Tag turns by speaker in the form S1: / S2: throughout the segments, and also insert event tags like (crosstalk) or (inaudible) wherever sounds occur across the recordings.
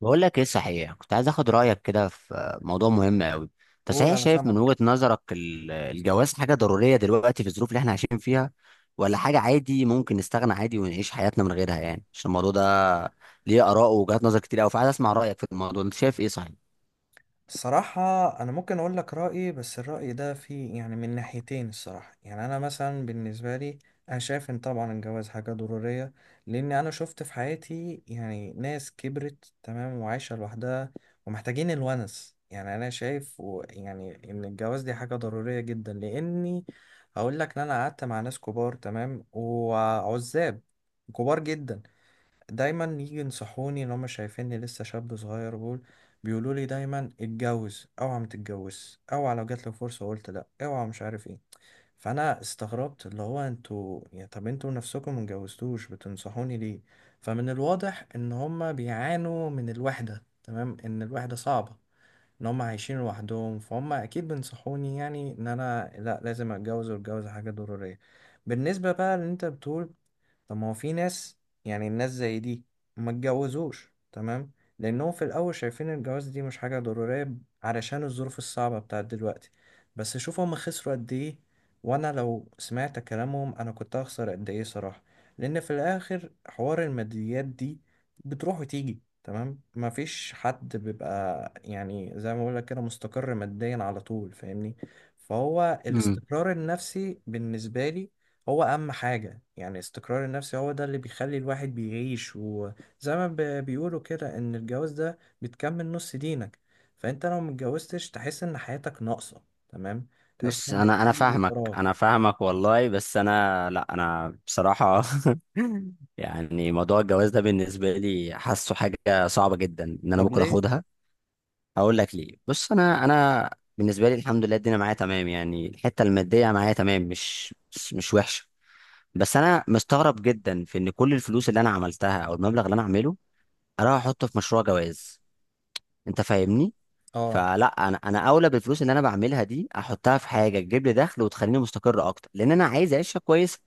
S1: بقول لك ايه صحيح، كنت عايز اخد رايك كده في موضوع مهم قوي. انت
S2: قول،
S1: صحيح
S2: انا
S1: شايف من
S2: سامعك.
S1: وجهة نظرك الجواز حاجه ضروريه دلوقتي في الظروف اللي احنا عايشين فيها، ولا حاجه عادي ممكن نستغنى عادي ونعيش حياتنا من غيرها؟ عشان الموضوع ده ليه اراء ووجهات نظر كتير قوي، فعايز اسمع رايك في الموضوع، انت شايف ايه صحيح؟
S2: الصراحة، انا ممكن اقول لك رأيي، بس الرأي ده فيه يعني من ناحيتين. الصراحة يعني انا مثلا بالنسبة لي، انا شايف ان طبعا الجواز حاجة ضرورية، لان انا شفت في حياتي يعني ناس كبرت تمام وعايشة لوحدها ومحتاجين الونس. يعني انا شايف يعني ان الجواز دي حاجة ضرورية جدا، لاني هقول لك ان انا قعدت مع ناس كبار تمام وعزاب، كبار جدا، دايما يجي ينصحوني ان هم شايفيني لسه شاب صغير. بيقولوا لي دايما اتجوز، اوعى ما تتجوز، اوعى لو جات لك فرصه وقلت لا، اوعى مش عارف ايه. فانا استغربت، اللي هو انتوا يعني طب انتوا نفسكم ما اتجوزتوش بتنصحوني ليه؟ فمن الواضح ان هم بيعانوا من الوحده، تمام، ان الوحده صعبه، ان هم عايشين لوحدهم، فهم اكيد بينصحوني يعني ان انا لا لازم اتجوز واتجوز حاجه ضروريه. بالنسبه بقى اللي انت بتقول، طب ما هو في ناس، يعني الناس زي دي ما اتجوزوش تمام، لأنهم في الأول شايفين الجواز دي مش حاجة ضرورية علشان الظروف الصعبة بتاعت دلوقتي. بس شوف هما خسروا قد إيه، وأنا لو سمعت كلامهم أنا كنت هخسر قد إيه صراحة. لأن في الآخر حوار الماديات دي بتروح وتيجي، تمام، مفيش حد بيبقى يعني زي ما بقولك كده مستقر ماديا على طول، فاهمني؟ فهو
S1: امم
S2: الاستقرار النفسي بالنسبة لي هو أهم حاجة. يعني استقرار النفسي هو ده اللي بيخلي الواحد بيعيش. وزي ما بيقولوا كده إن الجواز ده بتكمل نص دينك، فأنت لو متجوزتش تحس إن حياتك ناقصة، تمام، تحس
S1: بص،
S2: إن
S1: انا
S2: في
S1: فاهمك،
S2: فراغ.
S1: انا فاهمك والله، بس انا لا، انا بصراحه (laughs) موضوع الجواز ده بالنسبه لي حاسه حاجه صعبه جدا ان انا
S2: طب
S1: ممكن
S2: ليه؟
S1: اخدها. هقول لك ليه، بص انا بالنسبه لي الحمد لله الدنيا معايا تمام، الحته الماديه معايا تمام، مش وحشه. بس انا مستغرب جدا في ان كل الفلوس اللي انا عملتها، او المبلغ اللي انا عامله، اروح احطه في مشروع جواز؟ انت فاهمني؟
S2: اه.
S1: فلا، انا اولى بالفلوس اللي انا بعملها دي احطها في حاجه تجيب لي دخل وتخليني مستقر اكتر، لان انا عايز اعيش عيشه كويسه.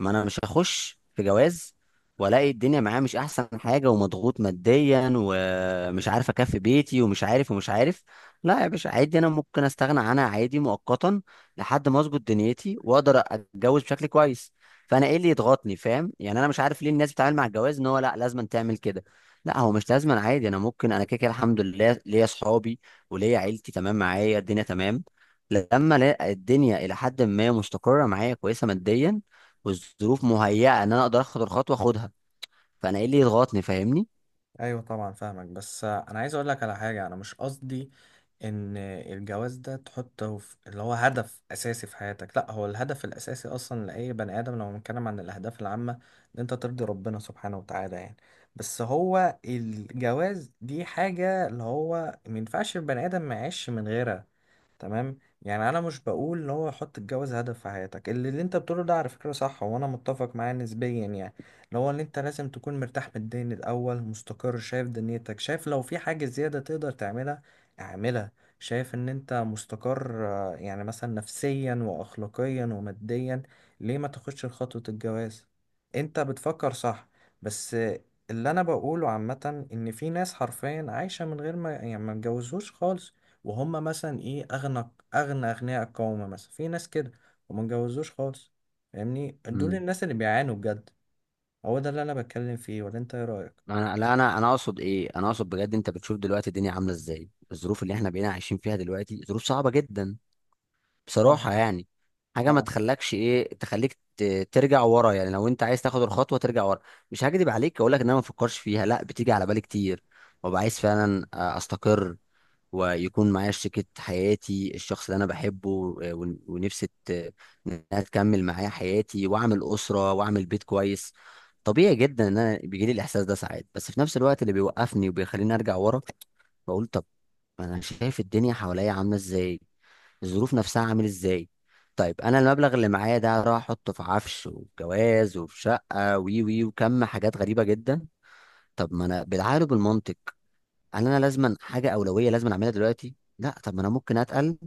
S1: ما انا مش هخش في جواز والاقي الدنيا معايا مش احسن حاجه، ومضغوط ماديا، ومش عارف اكفي بيتي، ومش عارف، ومش عارف. لا يا باشا، عادي انا ممكن استغنى عنها عادي مؤقتا، لحد ما اظبط دنيتي واقدر اتجوز بشكل كويس. فانا ايه اللي يضغطني؟ فاهم؟ انا مش عارف ليه الناس بتتعامل مع الجواز ان هو لا، لازم تعمل كده. لا، هو مش لازم، عادي. انا ممكن، انا كده كده الحمد لله ليا اصحابي وليا عيلتي، تمام، معايا الدنيا تمام. لما الاقي الدنيا الى حد ما مستقره معايا كويسه ماديا، والظروف مهيئه ان انا اقدر اخد الخطوه، اخدها. فانا ايه اللي يضغطني؟ فاهمني؟
S2: ايوه طبعا فاهمك، بس انا عايز اقول لك على حاجه. انا مش قصدي ان الجواز ده تحطه في اللي هو هدف اساسي في حياتك، لا، هو الهدف الاساسي اصلا لاي بني ادم لو بنتكلم عن الاهداف العامه ان انت ترضي ربنا سبحانه وتعالى يعني. بس هو الجواز دي حاجه اللي هو ما ينفعش البني ادم ما يعيش من غيرها، تمام. يعني انا مش بقول ان هو حط الجواز هدف في حياتك. اللي انت بتقوله ده على فكره صح، وانا متفق معاه نسبيا، يعني اللي هو ان انت لازم تكون مرتاح ماديا الاول، مستقر، شايف دنيتك، شايف لو في حاجه زياده تقدر تعملها اعملها، شايف ان انت مستقر يعني مثلا نفسيا واخلاقيا وماديا. ليه ما تاخدش خطوه الجواز؟ انت بتفكر صح، بس اللي انا بقوله عامه ان في ناس حرفيا عايشه من غير ما يعني ما اتجوزوش خالص. وهم مثلا ايه، اغنى اغنى اغنياء القوم مثلا، في ناس كده وما اتجوزوش خالص. فاهمني؟ دول
S1: امم
S2: الناس اللي بيعانوا بجد. هو ده اللي انا بتكلم فيه، ولا انت ايه رايك؟
S1: انا لا، انا اقصد ايه، انا اقصد بجد، انت بتشوف دلوقتي الدنيا عامله ازاي، الظروف اللي احنا بقينا عايشين فيها دلوقتي ظروف صعبه جدا
S2: طبعا.
S1: بصراحه، حاجه ما
S2: طبعا.
S1: تخلكش ايه، تخليك ترجع ورا، لو انت عايز تاخد الخطوه ترجع ورا. مش هكدب عليك، اقول لك ان انا ما بفكرش فيها، لا بتيجي على بالي كتير، وببقى عايز فعلا استقر ويكون معايا شريكة حياتي، الشخص اللي أنا بحبه، آه، ونفسي إنها تكمل معايا حياتي وأعمل أسرة وأعمل بيت كويس. طبيعي جدا إن أنا بيجيلي الإحساس ده ساعات، بس في نفس الوقت اللي بيوقفني وبيخليني أرجع ورا، بقول طب، ما أنا شايف الدنيا حواليا عاملة إزاي، الظروف نفسها عامل إزاي. طيب أنا المبلغ اللي معايا ده هروح أحطه في عفش وجواز وفي شقة وي وي وكم حاجات غريبة جدا؟ طب ما أنا بالعقل وبالمنطق، هل انا لازما حاجه اولويه لازما اعملها دلوقتي؟ لا، طب ما انا ممكن اتقل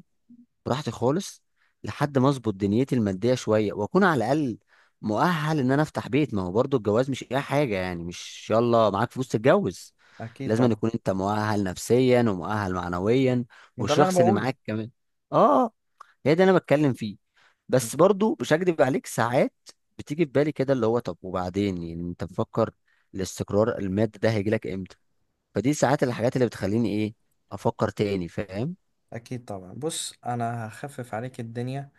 S1: براحتي خالص لحد ما اظبط دنيتي الماديه شويه، واكون على الاقل مؤهل ان انا افتح بيت. ما هو برضو الجواز مش اي حاجه، مش يلا معاك فلوس تتجوز،
S2: اكيد
S1: لازم أن
S2: طبعا.
S1: يكون انت مؤهل نفسيا ومؤهل معنويا،
S2: ما ده اللي انا
S1: والشخص اللي
S2: بقوله.
S1: معاك كمان. اه، هي ده انا بتكلم فيه. بس برضو مش هكدب عليك، ساعات بتيجي في بالي كده اللي هو طب وبعدين انت مفكر الاستقرار المادي ده هيجي لك امتى؟ فدي ساعات الحاجات اللي بتخليني ايه، افكر تاني، فاهم؟
S2: اكيد طبعا، بص انا هخفف عليك الدنيا.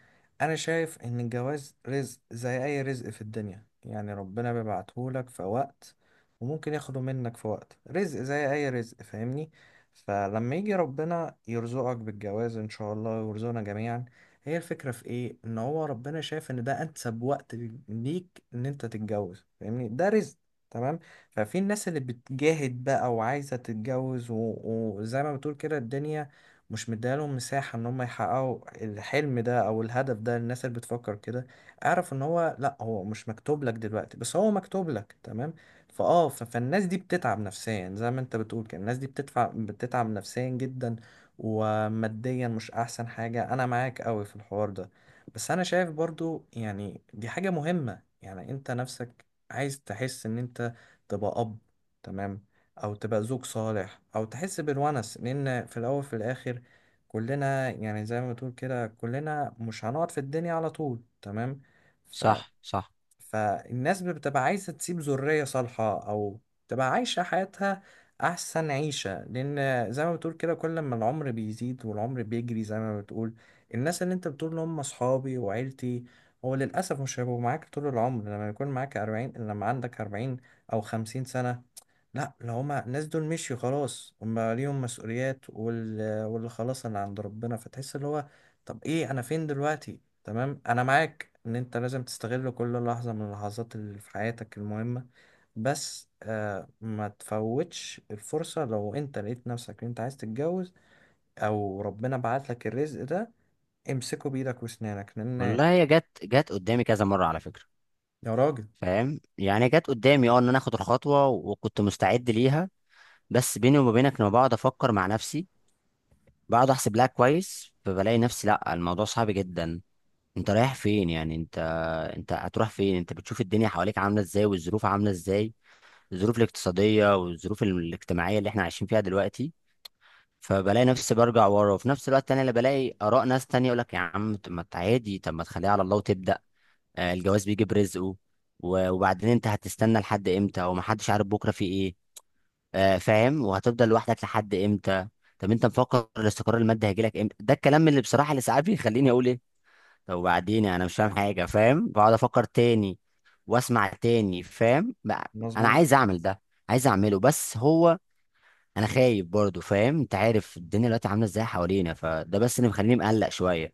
S2: انا شايف ان الجواز رزق زي اي رزق في الدنيا، يعني ربنا بيبعتهولك في وقت، وممكن ياخده منك في وقت. رزق زي اي رزق، فاهمني؟ فلما يجي ربنا يرزقك بالجواز ان شاء الله ويرزقنا جميعا، هي الفكرة في ايه، ان هو ربنا شايف ان ده انسب وقت ليك ان انت تتجوز، فاهمني؟ ده رزق، تمام. ففي الناس اللي بتجاهد بقى وعايزة تتجوز وزي ما بتقول كده الدنيا مش مديالهم مساحة ان هم يحققوا الحلم ده او الهدف ده. للناس اللي بتفكر كده، اعرف ان هو لا، هو مش مكتوب لك دلوقتي، بس هو مكتوب لك، تمام. فالناس دي بتتعب نفسيا. زي ما انت بتقول كده الناس دي بتتعب بتتعب نفسيا جدا وماديا مش احسن حاجة. انا معاك قوي في الحوار ده، بس انا شايف برضو يعني دي حاجة مهمة. يعني انت نفسك عايز تحس ان انت تبقى اب، تمام، او تبقى زوج صالح، او تحس بالونس. لان في الاول في الاخر كلنا يعني زي ما بتقول كده كلنا مش هنقعد في الدنيا على طول، تمام. ف...
S1: صح صح.
S2: فالناس بتبقى عايزة تسيب ذرية صالحة أو تبقى عايشة حياتها أحسن عيشة، لأن زي ما بتقول كده كل ما العمر بيزيد والعمر بيجري. زي ما بتقول، الناس اللي أنت بتقول هم أصحابي وعيلتي، هو للأسف مش هيبقوا معاك طول العمر، لما يكون معاك 40، لما عندك 40 أو 50 سنة. لا، لو هما الناس دول مشيوا خلاص، هما ليهم مسؤوليات واللي خلاص اللي عند ربنا. فتحس اللي هو طب ايه، انا فين دلوقتي؟ تمام. انا معاك ان انت لازم تستغل كل لحظة من اللحظات اللي في حياتك المهمة، بس آه، ما تفوتش الفرصة لو انت لقيت نفسك إن انت عايز تتجوز او ربنا بعت لك الرزق ده، امسكه بايدك واسنانك. لان
S1: والله هي جت قدامي كذا مرة على فكرة،
S2: يا راجل،
S1: فاهم؟ جت قدامي، اه، ان انا اخد الخطوة وكنت مستعد ليها، بس بيني وما بينك لما بقعد افكر مع نفسي، بقعد احسب لها كويس، فبلاقي نفسي لا، الموضوع صعب جدا. انت رايح فين انت؟ انت هتروح فين؟ انت بتشوف الدنيا حواليك عاملة ازاي والظروف عاملة ازاي، الظروف الاقتصادية والظروف الاجتماعية اللي احنا عايشين فيها دلوقتي. فبلاقي نفسي برجع ورا، وفي نفس الوقت انا اللي بلاقي اراء ناس تانية يقول لك يا عم طب ما انت عادي، طب ما تخليها على الله وتبدا، آه، الجواز بيجي برزقه، وبعدين انت هتستنى لحد امتى؟ ومحدش عارف بكره في ايه، آه، فاهم؟ وهتفضل لوحدك لحد امتى؟ طب انت مفكر الاستقرار المادي هيجي لك امتى؟ ده الكلام اللي بصراحه اللي ساعات بيخليني اقول ايه، طب وبعدين انا مش فاهم حاجه، فاهم؟ بقعد افكر تاني واسمع تاني، فاهم؟ انا
S2: مظبوط.
S1: عايز اعمل ده، عايز اعمله، بس هو انا خايف برضو، فاهم؟ انت عارف الدنيا دلوقتي عامله ازاي حوالينا، فده بس اللي مخليني مقلق شويه.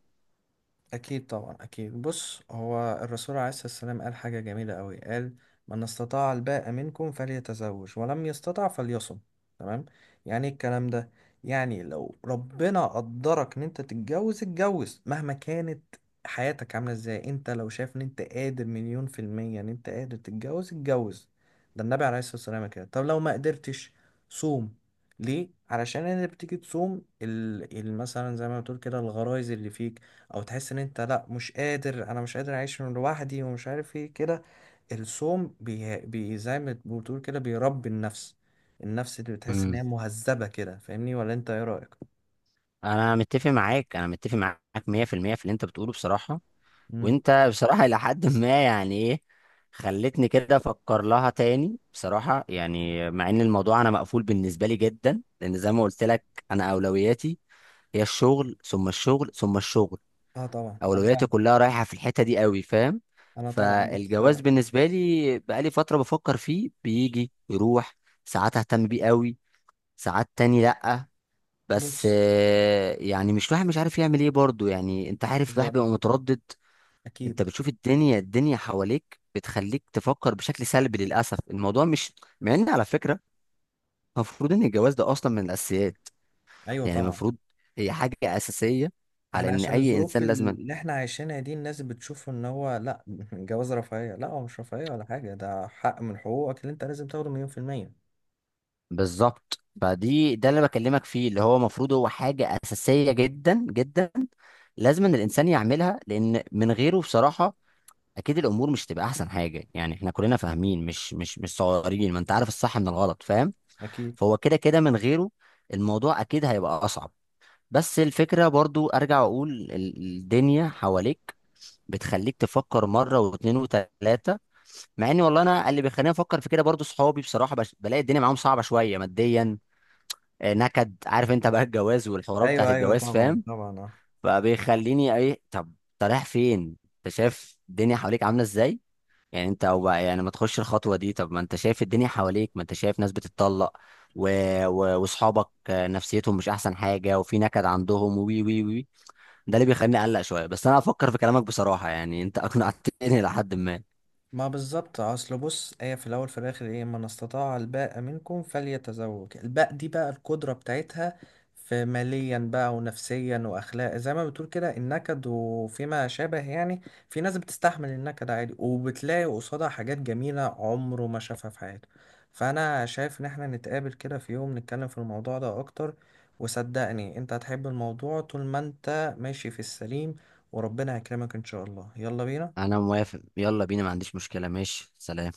S2: أكيد طبعا. أكيد، بص هو الرسول عليه الصلاة والسلام قال حاجة جميلة أوي، قال من استطاع الباء منكم فليتزوج، ولم يستطع فليصم، تمام. يعني إيه الكلام ده؟ يعني لو ربنا قدرك إن أنت تتجوز، اتجوز مهما كانت حياتك عاملة إزاي. أنت لو شايف إن أنت قادر 100% إن أنت قادر تتجوز، اتجوز. ده النبي عليه الصلاة والسلام كده. طب لو ما قدرتش، صوم. ليه؟ علشان انت بتيجي تصوم مثلا زي ما بتقول كده الغرايز اللي فيك، او تحس ان انت لا مش قادر، انا مش قادر اعيش من لوحدي ومش عارف ايه كده. الصوم بي... بي زي ما بتقول كده بيربي النفس، النفس اللي بتحس ان
S1: امم
S2: هي مهذبة كده. فاهمني، ولا انت ايه رأيك؟
S1: انا متفق معاك، انا متفق معاك 100% في المية في اللي انت بتقوله بصراحه.
S2: مم.
S1: وانت بصراحه (laughs) الى حد ما، ايه، خلتني كده افكر لها تاني بصراحه، مع ان الموضوع انا مقفول بالنسبه لي جدا، لان زي ما قلت لك انا اولوياتي هي الشغل ثم الشغل ثم الشغل،
S2: اه طبعا انا
S1: اولوياتي
S2: فاهم.
S1: كلها رايحه في الحته دي قوي، فاهم؟
S2: انا طبعا بص.
S1: فالجواز بالنسبه لي بقالي فتره بفكر فيه، بيجي يروح، ساعات اهتم بيه قوي، ساعات تاني لا. بس
S2: بص
S1: آه، مش الواحد مش عارف يعمل ايه برضه، انت عارف الواحد
S2: بالظبط.
S1: بيبقى متردد. انت
S2: اكيد.
S1: بتشوف الدنيا حواليك بتخليك تفكر بشكل سلبي للاسف. الموضوع مش، مع ان على فكره المفروض ان الجواز ده اصلا من الاساسيات،
S2: ايوه طبعا.
S1: المفروض هي حاجه اساسيه على
S2: احنا
S1: ان
S2: عشان
S1: اي
S2: الظروف
S1: انسان لازم.
S2: اللي احنا عايشينها دي الناس بتشوف ان هو لا، (laughs) جواز رفاهية، لا هو مش رفاهية ولا حاجة، ده حق من حقوقك اللي انت لازم تاخده 100%.
S1: بالظبط، فدي ده اللي بكلمك فيه، اللي هو المفروض هو حاجة أساسية جدا جدا، لازم إن الإنسان يعملها، لأن من غيره بصراحة أكيد الأمور مش تبقى أحسن حاجة، إحنا كلنا فاهمين، مش مش صغيرين، ما أنت عارف الصح من الغلط، فاهم؟
S2: اكيد.
S1: فهو كده كده من غيره الموضوع أكيد هيبقى أصعب. بس الفكرة برضو أرجع أقول الدنيا حواليك بتخليك تفكر مرة واتنين وتلاتة. مع إن والله أنا اللي بيخليني أفكر في كده برضو صحابي بصراحة، بلاقي الدنيا معاهم صعبة شوية ماديا، آه، نكد، عارف انت بقى الجواز والحوارات بتاعت
S2: ايوه ايوه،
S1: الجواز،
S2: طبعا
S1: فاهم؟
S2: طبعا، آه.
S1: فبيخليني ايه، طب انت رايح فين؟ انت شايف الدنيا حواليك عامله ازاي؟ انت او بقى ما تخش الخطوه دي، طب ما انت شايف الدنيا حواليك، ما انت شايف ناس بتتطلق، و... واصحابك آه، نفسيتهم مش احسن حاجه، وفي نكد عندهم، وي وي وي. ده اللي بيخليني اقلق شويه، بس انا هفكر في كلامك بصراحه، انت اقنعتني (laughs) لحد ما.
S2: ما بالظبط، اصل بص هي في الاول في الاخر ايه، من استطاع الباء منكم فليتزوج، الباء دي بقى القدره بتاعتها في ماليا بقى ونفسيا واخلاق. زي ما بتقول كده النكد وفيما شابه يعني، في ناس بتستحمل النكد عادي وبتلاقي قصادها حاجات جميله عمره ما شافها في حياته. فانا شايف ان احنا نتقابل كده في يوم، نتكلم في الموضوع ده اكتر. وصدقني انت هتحب الموضوع طول ما انت ماشي في السليم، وربنا يكرمك ان شاء الله. يلا بينا.
S1: انا موافق، يلا بينا، ما عنديش مشكله، ماشي، سلام.